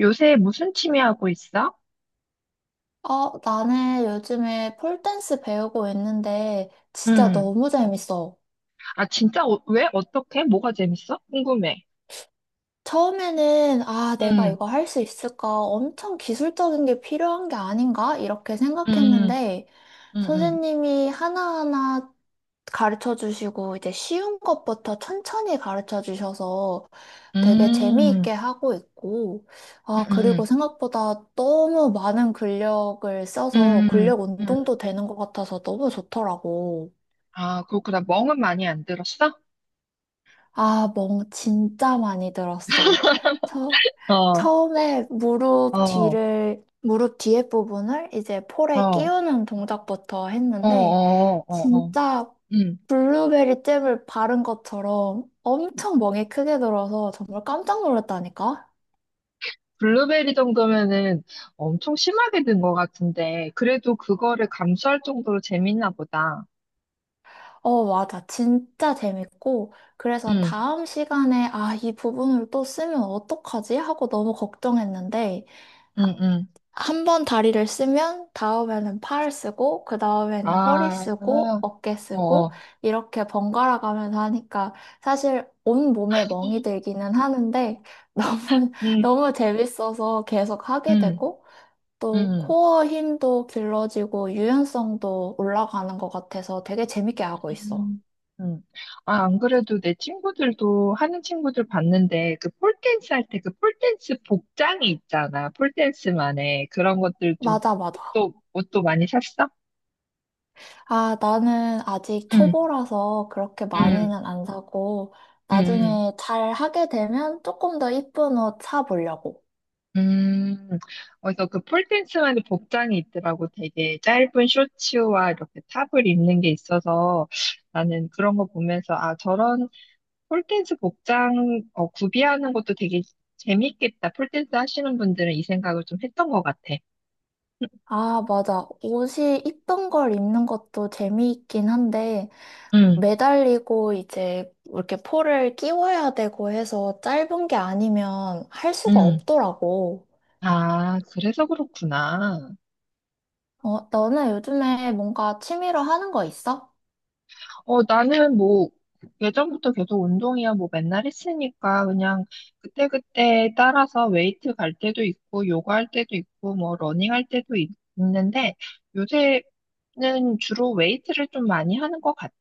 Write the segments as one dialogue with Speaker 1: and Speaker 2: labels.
Speaker 1: 요새 무슨 취미 하고 있어?
Speaker 2: 나는 요즘에 폴댄스 배우고 있는데 진짜
Speaker 1: 응.
Speaker 2: 너무 재밌어.
Speaker 1: 아, 진짜? 왜? 어떻게? 뭐가 재밌어? 궁금해.
Speaker 2: 처음에는 아, 내가
Speaker 1: 응,
Speaker 2: 이거 할 수 있을까? 엄청 기술적인 게 필요한 게 아닌가? 이렇게
Speaker 1: 응,
Speaker 2: 생각했는데
Speaker 1: 응, 응,
Speaker 2: 선생님이 하나하나 가르쳐 주시고 이제 쉬운 것부터 천천히 가르쳐 주셔서 되게
Speaker 1: 응,
Speaker 2: 재미있게 하고 있고, 아,
Speaker 1: 응,
Speaker 2: 그리고 생각보다 너무 많은 근력을 써서
Speaker 1: 응,
Speaker 2: 근력
Speaker 1: 응.
Speaker 2: 운동도 되는 것 같아서 너무 좋더라고.
Speaker 1: 아, 그렇구나. 멍은 많이 안 들었어?
Speaker 2: 아, 멍 진짜 많이 들었어. 처,
Speaker 1: 어, 어,
Speaker 2: 처음에
Speaker 1: 어,
Speaker 2: 무릎 뒤에 부분을 이제 폴에
Speaker 1: 어,
Speaker 2: 끼우는 동작부터
Speaker 1: 어,
Speaker 2: 했는데,
Speaker 1: 어, 어,
Speaker 2: 진짜
Speaker 1: 응.
Speaker 2: 블루베리 잼을 바른 것처럼 엄청 멍이 크게 들어서 정말 깜짝 놀랐다니까?
Speaker 1: 블루베리 정도면은 엄청 심하게 든 것 같은데, 그래도 그거를 감수할 정도로 재밌나 보다.
Speaker 2: 어, 맞아. 진짜 재밌고. 그래서
Speaker 1: 응,
Speaker 2: 다음 시간에, 아, 이 부분을 또 쓰면 어떡하지? 하고 너무 걱정했는데,
Speaker 1: 응, 응,
Speaker 2: 한 번 다리를 쓰면 다음에는 팔 쓰고 그 다음에는 허리 쓰고
Speaker 1: 아,
Speaker 2: 어깨
Speaker 1: 어,
Speaker 2: 쓰고
Speaker 1: 어,
Speaker 2: 이렇게 번갈아 가면서 하니까 사실 온 몸에 멍이 들기는 하는데 너무
Speaker 1: 음,
Speaker 2: 너무 재밌어서 계속 하게
Speaker 1: 응.
Speaker 2: 되고 또
Speaker 1: 음,
Speaker 2: 코어 힘도 길러지고 유연성도 올라가는 것 같아서 되게 재밌게 하고 있어.
Speaker 1: 음, 음. 아, 안 그래도 내 친구들도 하는 친구들 봤는데 그 폴댄스 할 때 그 폴댄스 복장이 있잖아. 폴댄스만의 그런 것들 좀
Speaker 2: 맞아, 맞아.
Speaker 1: 옷도 옷도 많이 샀어?
Speaker 2: 아, 나는 아직
Speaker 1: 응,
Speaker 2: 초보라서 그렇게
Speaker 1: 응,
Speaker 2: 많이는 안 사고,
Speaker 1: 응,
Speaker 2: 나중에 잘 하게 되면 조금 더 이쁜 옷 사보려고.
Speaker 1: 응. 그래서 그 폴댄스만의 복장이 있더라고. 되게 짧은 쇼츠와 이렇게 탑을 입는 게 있어서 나는 그런 거 보면서 아, 저런 폴댄스 복장 어, 구비하는 것도 되게 재밌겠다. 폴댄스 하시는 분들은 이 생각을 좀 했던 것 같아.
Speaker 2: 아, 맞아. 옷이 이쁜 걸 입는 것도 재미있긴 한데,
Speaker 1: 응,
Speaker 2: 매달리고 이제 이렇게 폴을 끼워야 되고 해서 짧은 게 아니면 할 수가
Speaker 1: 응.
Speaker 2: 없더라고.
Speaker 1: 아, 그래서 그렇구나.
Speaker 2: 어, 너는 요즘에 뭔가 취미로 하는 거 있어?
Speaker 1: 어, 나는 뭐, 예전부터 계속 운동이야, 뭐 맨날 했으니까 그냥 그때그때 따라서 웨이트 갈 때도 있고, 요가 할 때도 있고, 뭐 러닝 할 때도 있, 는데 요새는 주로 웨이트를 좀 많이 하는 것 같아.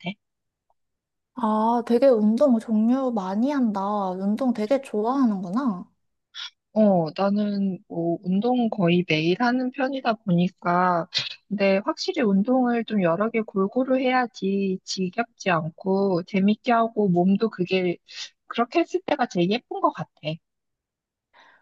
Speaker 2: 아, 되게 운동 종류 많이 한다. 운동 되게 좋아하는구나.
Speaker 1: 어, 나는 뭐 운동 거의 매일 하는 편이다 보니까, 근데 확실히 운동을 좀 여러 개 골고루 해야지 지겹지 않고 재밌게 하고 몸도 그게 그렇게 했을 때가 제일 예쁜 것 같아.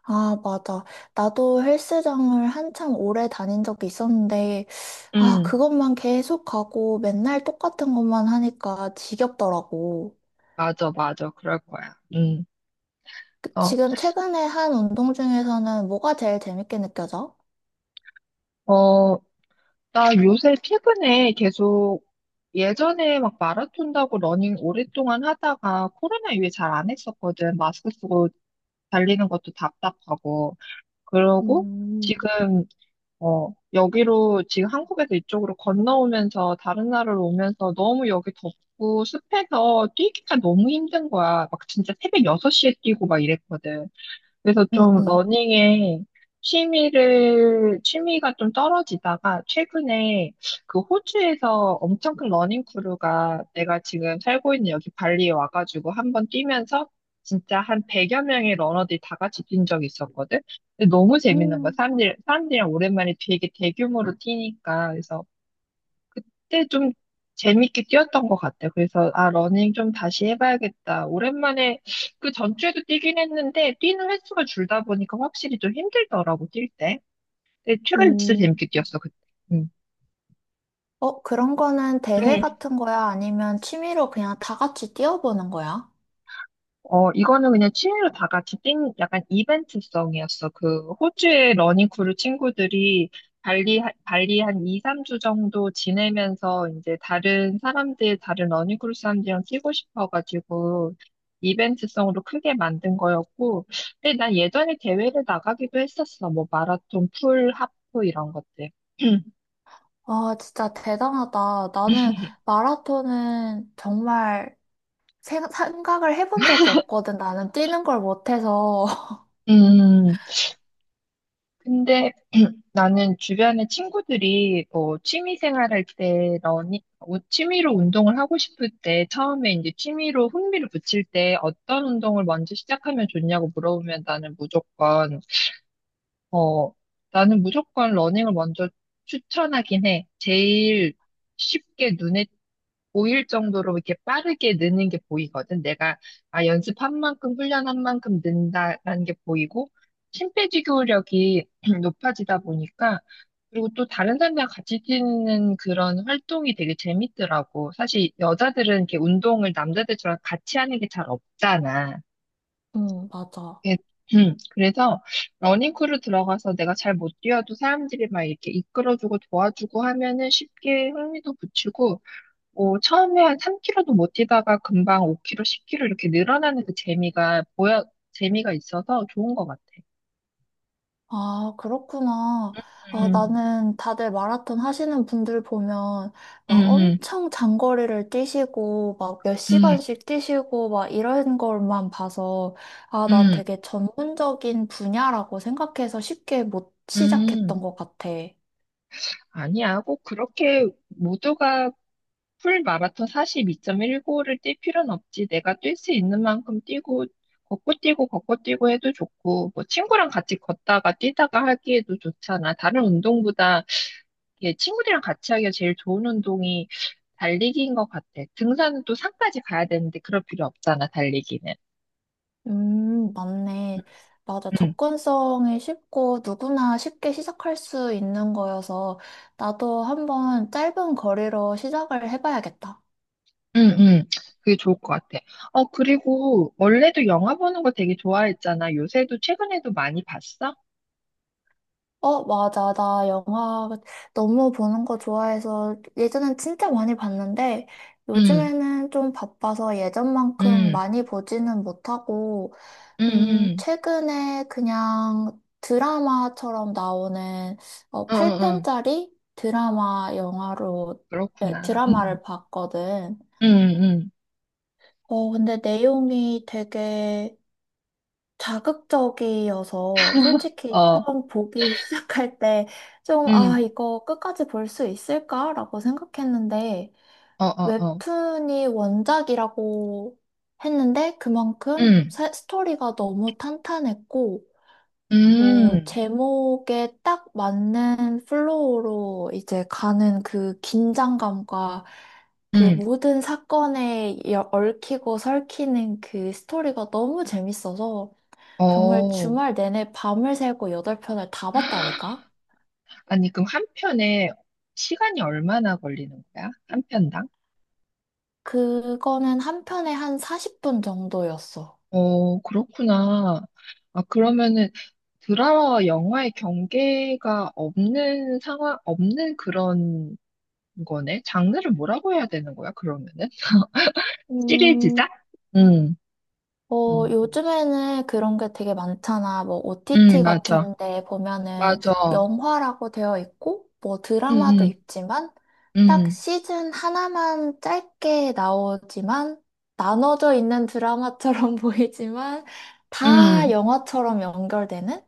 Speaker 2: 아, 맞아. 나도 헬스장을 한참 오래 다닌 적이 있었는데, 아,
Speaker 1: 음,
Speaker 2: 그것만 계속 가고 맨날 똑같은 것만 하니까 지겹더라고.
Speaker 1: 맞아, 맞아. 그럴 거야. 어,
Speaker 2: 지금 최근에 한 운동 중에서는 뭐가 제일 재밌게 느껴져?
Speaker 1: 어, 나 요새 최근에 계속 예전에 막 마라톤 다고 러닝 오랫동안 하다가 코로나 이후에 잘 안 했었거든. 마스크 쓰고 달리는 것도 답답하고. 그러고
Speaker 2: 음,
Speaker 1: 지금 어 여기로 지금 한국에서 이쪽으로 건너오면서 다른 나라로 오면서 너무 여기 덥고 습해서 뛰기가 너무 힘든 거야. 막 진짜 새벽 6시에 뛰고 막 이랬거든. 그래서
Speaker 2: 응,
Speaker 1: 좀
Speaker 2: 응.
Speaker 1: 러닝에 취미를, 취미가 좀 떨어지다가 최근에 그 호주에서 엄청 큰 러닝 크루가 내가 지금 살고 있는 여기 발리에 와가지고 한번 뛰면서 진짜 한 100여 명의 러너들이 다 같이 뛴 적이 있었거든? 근데 너무 재밌는 거야.
Speaker 2: 음,
Speaker 1: 사람들이랑 오랜만에 되게 대규모로 뛰니까. 그래서 그때 좀 재밌게 뛰었던 것 같아. 그래서, 아, 러닝 좀 다시 해봐야겠다. 오랜만에, 그 전주에도 뛰긴 했는데, 뛰는 횟수가 줄다 보니까 확실히 좀 힘들더라고, 뛸 때. 근데 최근에 진짜
Speaker 2: 음,
Speaker 1: 재밌게 뛰었어, 그때. 응.
Speaker 2: 어, 그런 거는 대회 같은 거야? 아니면 취미로 그냥 다 같이 뛰어보는 거야?
Speaker 1: 어, 이거는 그냥 취미로 다 같이 뛴 약간 이벤트성이었어. 그 호주의 러닝 크루 친구들이 발리, 발리 한 2, 3주 정도 지내면서 이제 다른 사람들, 다른 러닝 크루 사람들이랑 뛰고 싶어가지고 이벤트성으로 크게 만든 거였고, 근데 난 예전에 대회를 나가기도 했었어. 뭐 마라톤, 풀, 하프 이런 것들.
Speaker 2: 아, 진짜 대단하다. 나는 마라톤은 정말 생각을 해본 적이 없거든. 나는 뛰는 걸 못해서.
Speaker 1: 음. 근데 나는 주변에 친구들이 뭐 취미 생활할 때 너니 어, 취미로 운동을 하고 싶을 때 처음에 이제 취미로 흥미를 붙일 때 어떤 운동을 먼저 시작하면 좋냐고 물어보면 어 나는 무조건 러닝을 먼저 추천하긴 해. 제일 쉽게 눈에 보일 정도로 이렇게 빠르게 느는 게 보이거든. 내가 아, 연습한 만큼, 훈련한 만큼 는다라는 게 보이고, 심폐지구력이 높아지다 보니까, 그리고 또 다른 사람들과 같이 뛰는 그런 활동이 되게 재밌더라고. 사실 여자들은 이렇게 운동을 남자들처럼 같이 하는 게 잘 없잖아.
Speaker 2: 맞아.
Speaker 1: 예, 그래서 러닝크루 들어가서 내가 잘 못 뛰어도 사람들이 막 이렇게 이끌어주고 도와주고 하면은 쉽게 흥미도 붙이고 뭐 처음에 한 3km도 못 뛰다가 금방 5km, 10km 이렇게 늘어나는 그 재미가 보여 재미가 있어서 좋은 것 같아.
Speaker 2: 아, 그렇구나. 아,
Speaker 1: 음,
Speaker 2: 나는 다들 마라톤 하시는 분들 보면 막
Speaker 1: 음,
Speaker 2: 엄청 장거리를 뛰시고 막 몇
Speaker 1: 음,
Speaker 2: 시간씩 뛰시고 막 이런 걸만 봐서 아, 난
Speaker 1: 음,
Speaker 2: 되게 전문적인 분야라고 생각해서 쉽게 못 시작했던
Speaker 1: 음.
Speaker 2: 것 같아.
Speaker 1: 아니야, 꼭 그렇게 모두가 풀 마라톤 42.195를 뛸 필요는 없지. 내가 뛸 수 있는 만큼 뛰고 걷고 뛰고 걷고 뛰고 해도 좋고 뭐 친구랑 같이 걷다가 뛰다가 하기에도 좋잖아. 다른 운동보다 예, 친구들이랑 같이 하기가 제일 좋은 운동이 달리기인 것 같아. 등산은 또 산까지 가야 되는데 그럴 필요 없잖아, 달리기는.
Speaker 2: 맞네. 맞아.
Speaker 1: 응,
Speaker 2: 접근성이 쉽고 누구나 쉽게 시작할 수 있는 거여서 나도 한번 짧은 거리로 시작을 해봐야겠다.
Speaker 1: 응, 응. 그게 좋을 것 같아. 어, 그리고 원래도 영화 보는 거 되게 좋아했잖아. 요새도 최근에도 많이 봤어?
Speaker 2: 어, 맞아. 나 영화 너무 보는 거 좋아해서 예전엔 진짜 많이 봤는데
Speaker 1: 응,
Speaker 2: 요즘에는 좀 바빠서 예전만큼
Speaker 1: 응,
Speaker 2: 많이 보지는 못하고
Speaker 1: 응, 응,
Speaker 2: 최근에 그냥 드라마처럼 나오는
Speaker 1: 응, 응, 응.
Speaker 2: 8편짜리 드라마 영화로, 네,
Speaker 1: 그렇구나. 응,
Speaker 2: 드라마를 봤거든.
Speaker 1: 응, 응.
Speaker 2: 근데 내용이 되게 자극적이어서 솔직히
Speaker 1: 어,
Speaker 2: 처음 보기 시작할 때 좀,
Speaker 1: 응,
Speaker 2: 이거 끝까지 볼 수 있을까라고 생각했는데
Speaker 1: 어, 어, 어.
Speaker 2: 웹툰이 원작이라고 했는데 그만큼
Speaker 1: 응,
Speaker 2: 스토리가 너무 탄탄했고 뭐,
Speaker 1: 응,
Speaker 2: 제목에 딱 맞는 플로우로 이제 가는 그 긴장감과 그
Speaker 1: 응.
Speaker 2: 모든 사건에 얽히고 설키는 그 스토리가 너무 재밌어서 정말
Speaker 1: 어.
Speaker 2: 주말 내내 밤을 새고 8편을 다 봤다니까?
Speaker 1: 아니, 그럼 한 편에 시간이 얼마나 걸리는 거야? 한 편당?
Speaker 2: 그거는 한 편에 한 40분 정도였어.
Speaker 1: 어, 그렇구나. 아, 그러면은 드라마와 영화의 경계가 없는 상황, 없는 그런 거네? 장르를 뭐라고 해야 되는 거야, 그러면은?
Speaker 2: 음,
Speaker 1: 시리즈작? 응, 응,
Speaker 2: 요즘에는 그런 게 되게 많잖아. 뭐,
Speaker 1: 응,
Speaker 2: OTT
Speaker 1: 맞아.
Speaker 2: 같은 데 보면은
Speaker 1: 맞아.
Speaker 2: 영화라고 되어 있고, 뭐,
Speaker 1: 응,
Speaker 2: 드라마도
Speaker 1: 응,
Speaker 2: 있지만, 딱
Speaker 1: 응,
Speaker 2: 시즌 하나만 짧게 나오지만, 나눠져 있는 드라마처럼 보이지만, 다
Speaker 1: 응,
Speaker 2: 영화처럼 연결되는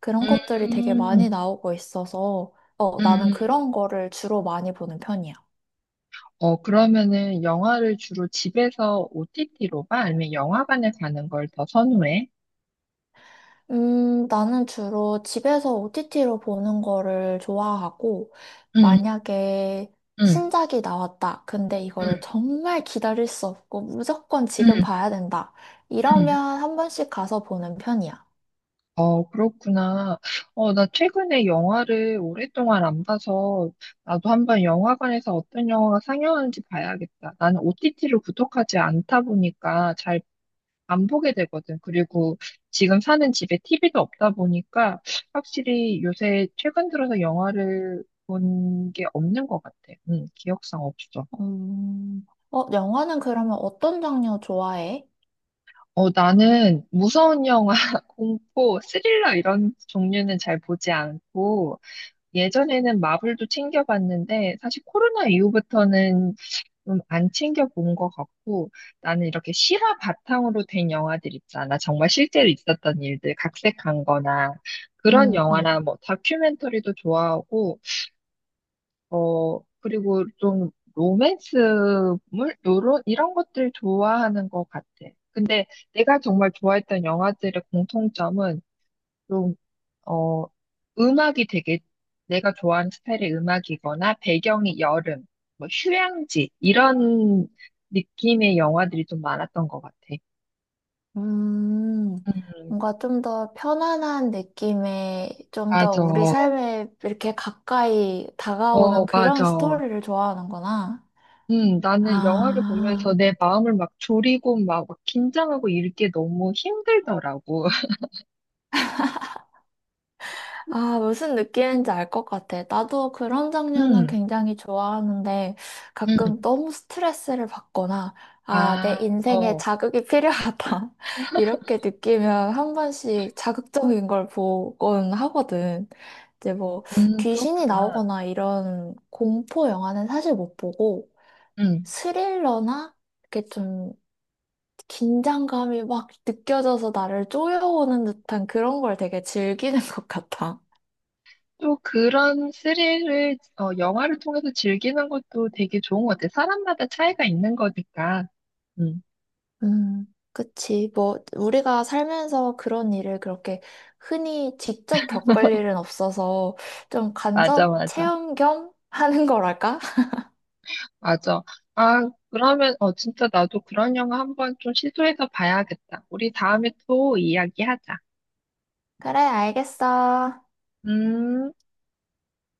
Speaker 2: 그런 것들이 되게
Speaker 1: 응,
Speaker 2: 많이 나오고 있어서,
Speaker 1: 응.
Speaker 2: 나는 그런 거를 주로 많이 보는 편이야.
Speaker 1: 어, 그러면은 영화를 주로 집에서 OTT로 봐? 아니면 영화관에 가는 걸 더 선호해?
Speaker 2: 나는 주로 집에서 OTT로 보는 거를 좋아하고,
Speaker 1: 응,
Speaker 2: 만약에
Speaker 1: 응,
Speaker 2: 신작이 나왔다. 근데 이거를
Speaker 1: 응,
Speaker 2: 정말 기다릴 수 없고, 무조건 지금
Speaker 1: 응,
Speaker 2: 봐야 된다.
Speaker 1: 응.
Speaker 2: 이러면 한 번씩 가서 보는 편이야.
Speaker 1: 어, 그렇구나. 어, 나 최근에 영화를 오랫동안 안 봐서 나도 한번 영화관에서 어떤 영화가 상영하는지 봐야겠다. 나는 OTT를 구독하지 않다 보니까 잘 안 보게 되거든. 그리고 지금 사는 집에 TV도 없다 보니까 확실히 요새 최근 들어서 영화를 본 게 없는 것 같아. 응, 기억상 없어.
Speaker 2: 음, 영화는 그러면 어떤 장르 좋아해?
Speaker 1: 어, 나는 무서운 영화, 공포, 스릴러 이런 종류는 잘 보지 않고, 예전에는 마블도 챙겨봤는데, 사실 코로나 이후부터는 좀 안 챙겨본 것 같고, 나는 이렇게 실화 바탕으로 된 영화들 있잖아. 정말 실제로 있었던 일들, 각색한 거나, 그런
Speaker 2: 음, 음.
Speaker 1: 영화나 뭐 다큐멘터리도 좋아하고, 어, 그리고 좀 로맨스물? 요런, 이런 것들 좋아하는 것 같아. 근데 내가 정말 좋아했던 영화들의 공통점은 좀, 어, 음악이 되게 내가 좋아하는 스타일의 음악이거나 배경이 여름, 뭐 휴양지, 이런 느낌의 영화들이 좀 많았던 것 같아.
Speaker 2: 음,
Speaker 1: 음,
Speaker 2: 뭔가 좀 더 편안한 느낌의, 좀 더
Speaker 1: 맞아.
Speaker 2: 우리 삶에 이렇게 가까이 다가오는
Speaker 1: 어,
Speaker 2: 그런
Speaker 1: 맞아.
Speaker 2: 스토리를 좋아하는구나.
Speaker 1: 나는 영화를
Speaker 2: 아,
Speaker 1: 보면서 내 마음을 막 졸이고 막 긴장하고 이렇게 너무 힘들더라고.
Speaker 2: 아, 무슨 느낌인지 알 것 같아. 나도 그런 장르는
Speaker 1: 음,
Speaker 2: 굉장히 좋아하는데
Speaker 1: 음,
Speaker 2: 가끔 너무 스트레스를 받거나 아, 내
Speaker 1: 아,
Speaker 2: 인생에
Speaker 1: 어,
Speaker 2: 자극이 필요하다. 이렇게 느끼면 한 번씩 자극적인 걸 보곤 하거든. 이제 뭐 귀신이
Speaker 1: 그렇구나.
Speaker 2: 나오거나 이런 공포 영화는 사실 못 보고
Speaker 1: 음.
Speaker 2: 스릴러나 이렇게 좀 긴장감이 막 느껴져서 나를 쪼여오는 듯한 그런 걸 되게 즐기는 것 같아.
Speaker 1: 또 그런 스릴을, 어, 영화를 통해서 즐기는 것도 되게 좋은 것 같아. 사람마다 차이가 있는 거니까. 음,
Speaker 2: 음, 그치. 뭐, 우리가 살면서 그런 일을 그렇게 흔히 직접 겪을 일은 없어서 좀
Speaker 1: 맞아,
Speaker 2: 간접
Speaker 1: 맞아,
Speaker 2: 체험 겸 하는 거랄까?
Speaker 1: 맞아. 아, 그러면, 어, 진짜 나도 그런 영화 한번 좀 시도해서 봐야겠다. 우리 다음에 또 이야기하자.
Speaker 2: 그래, 알겠어.
Speaker 1: 음.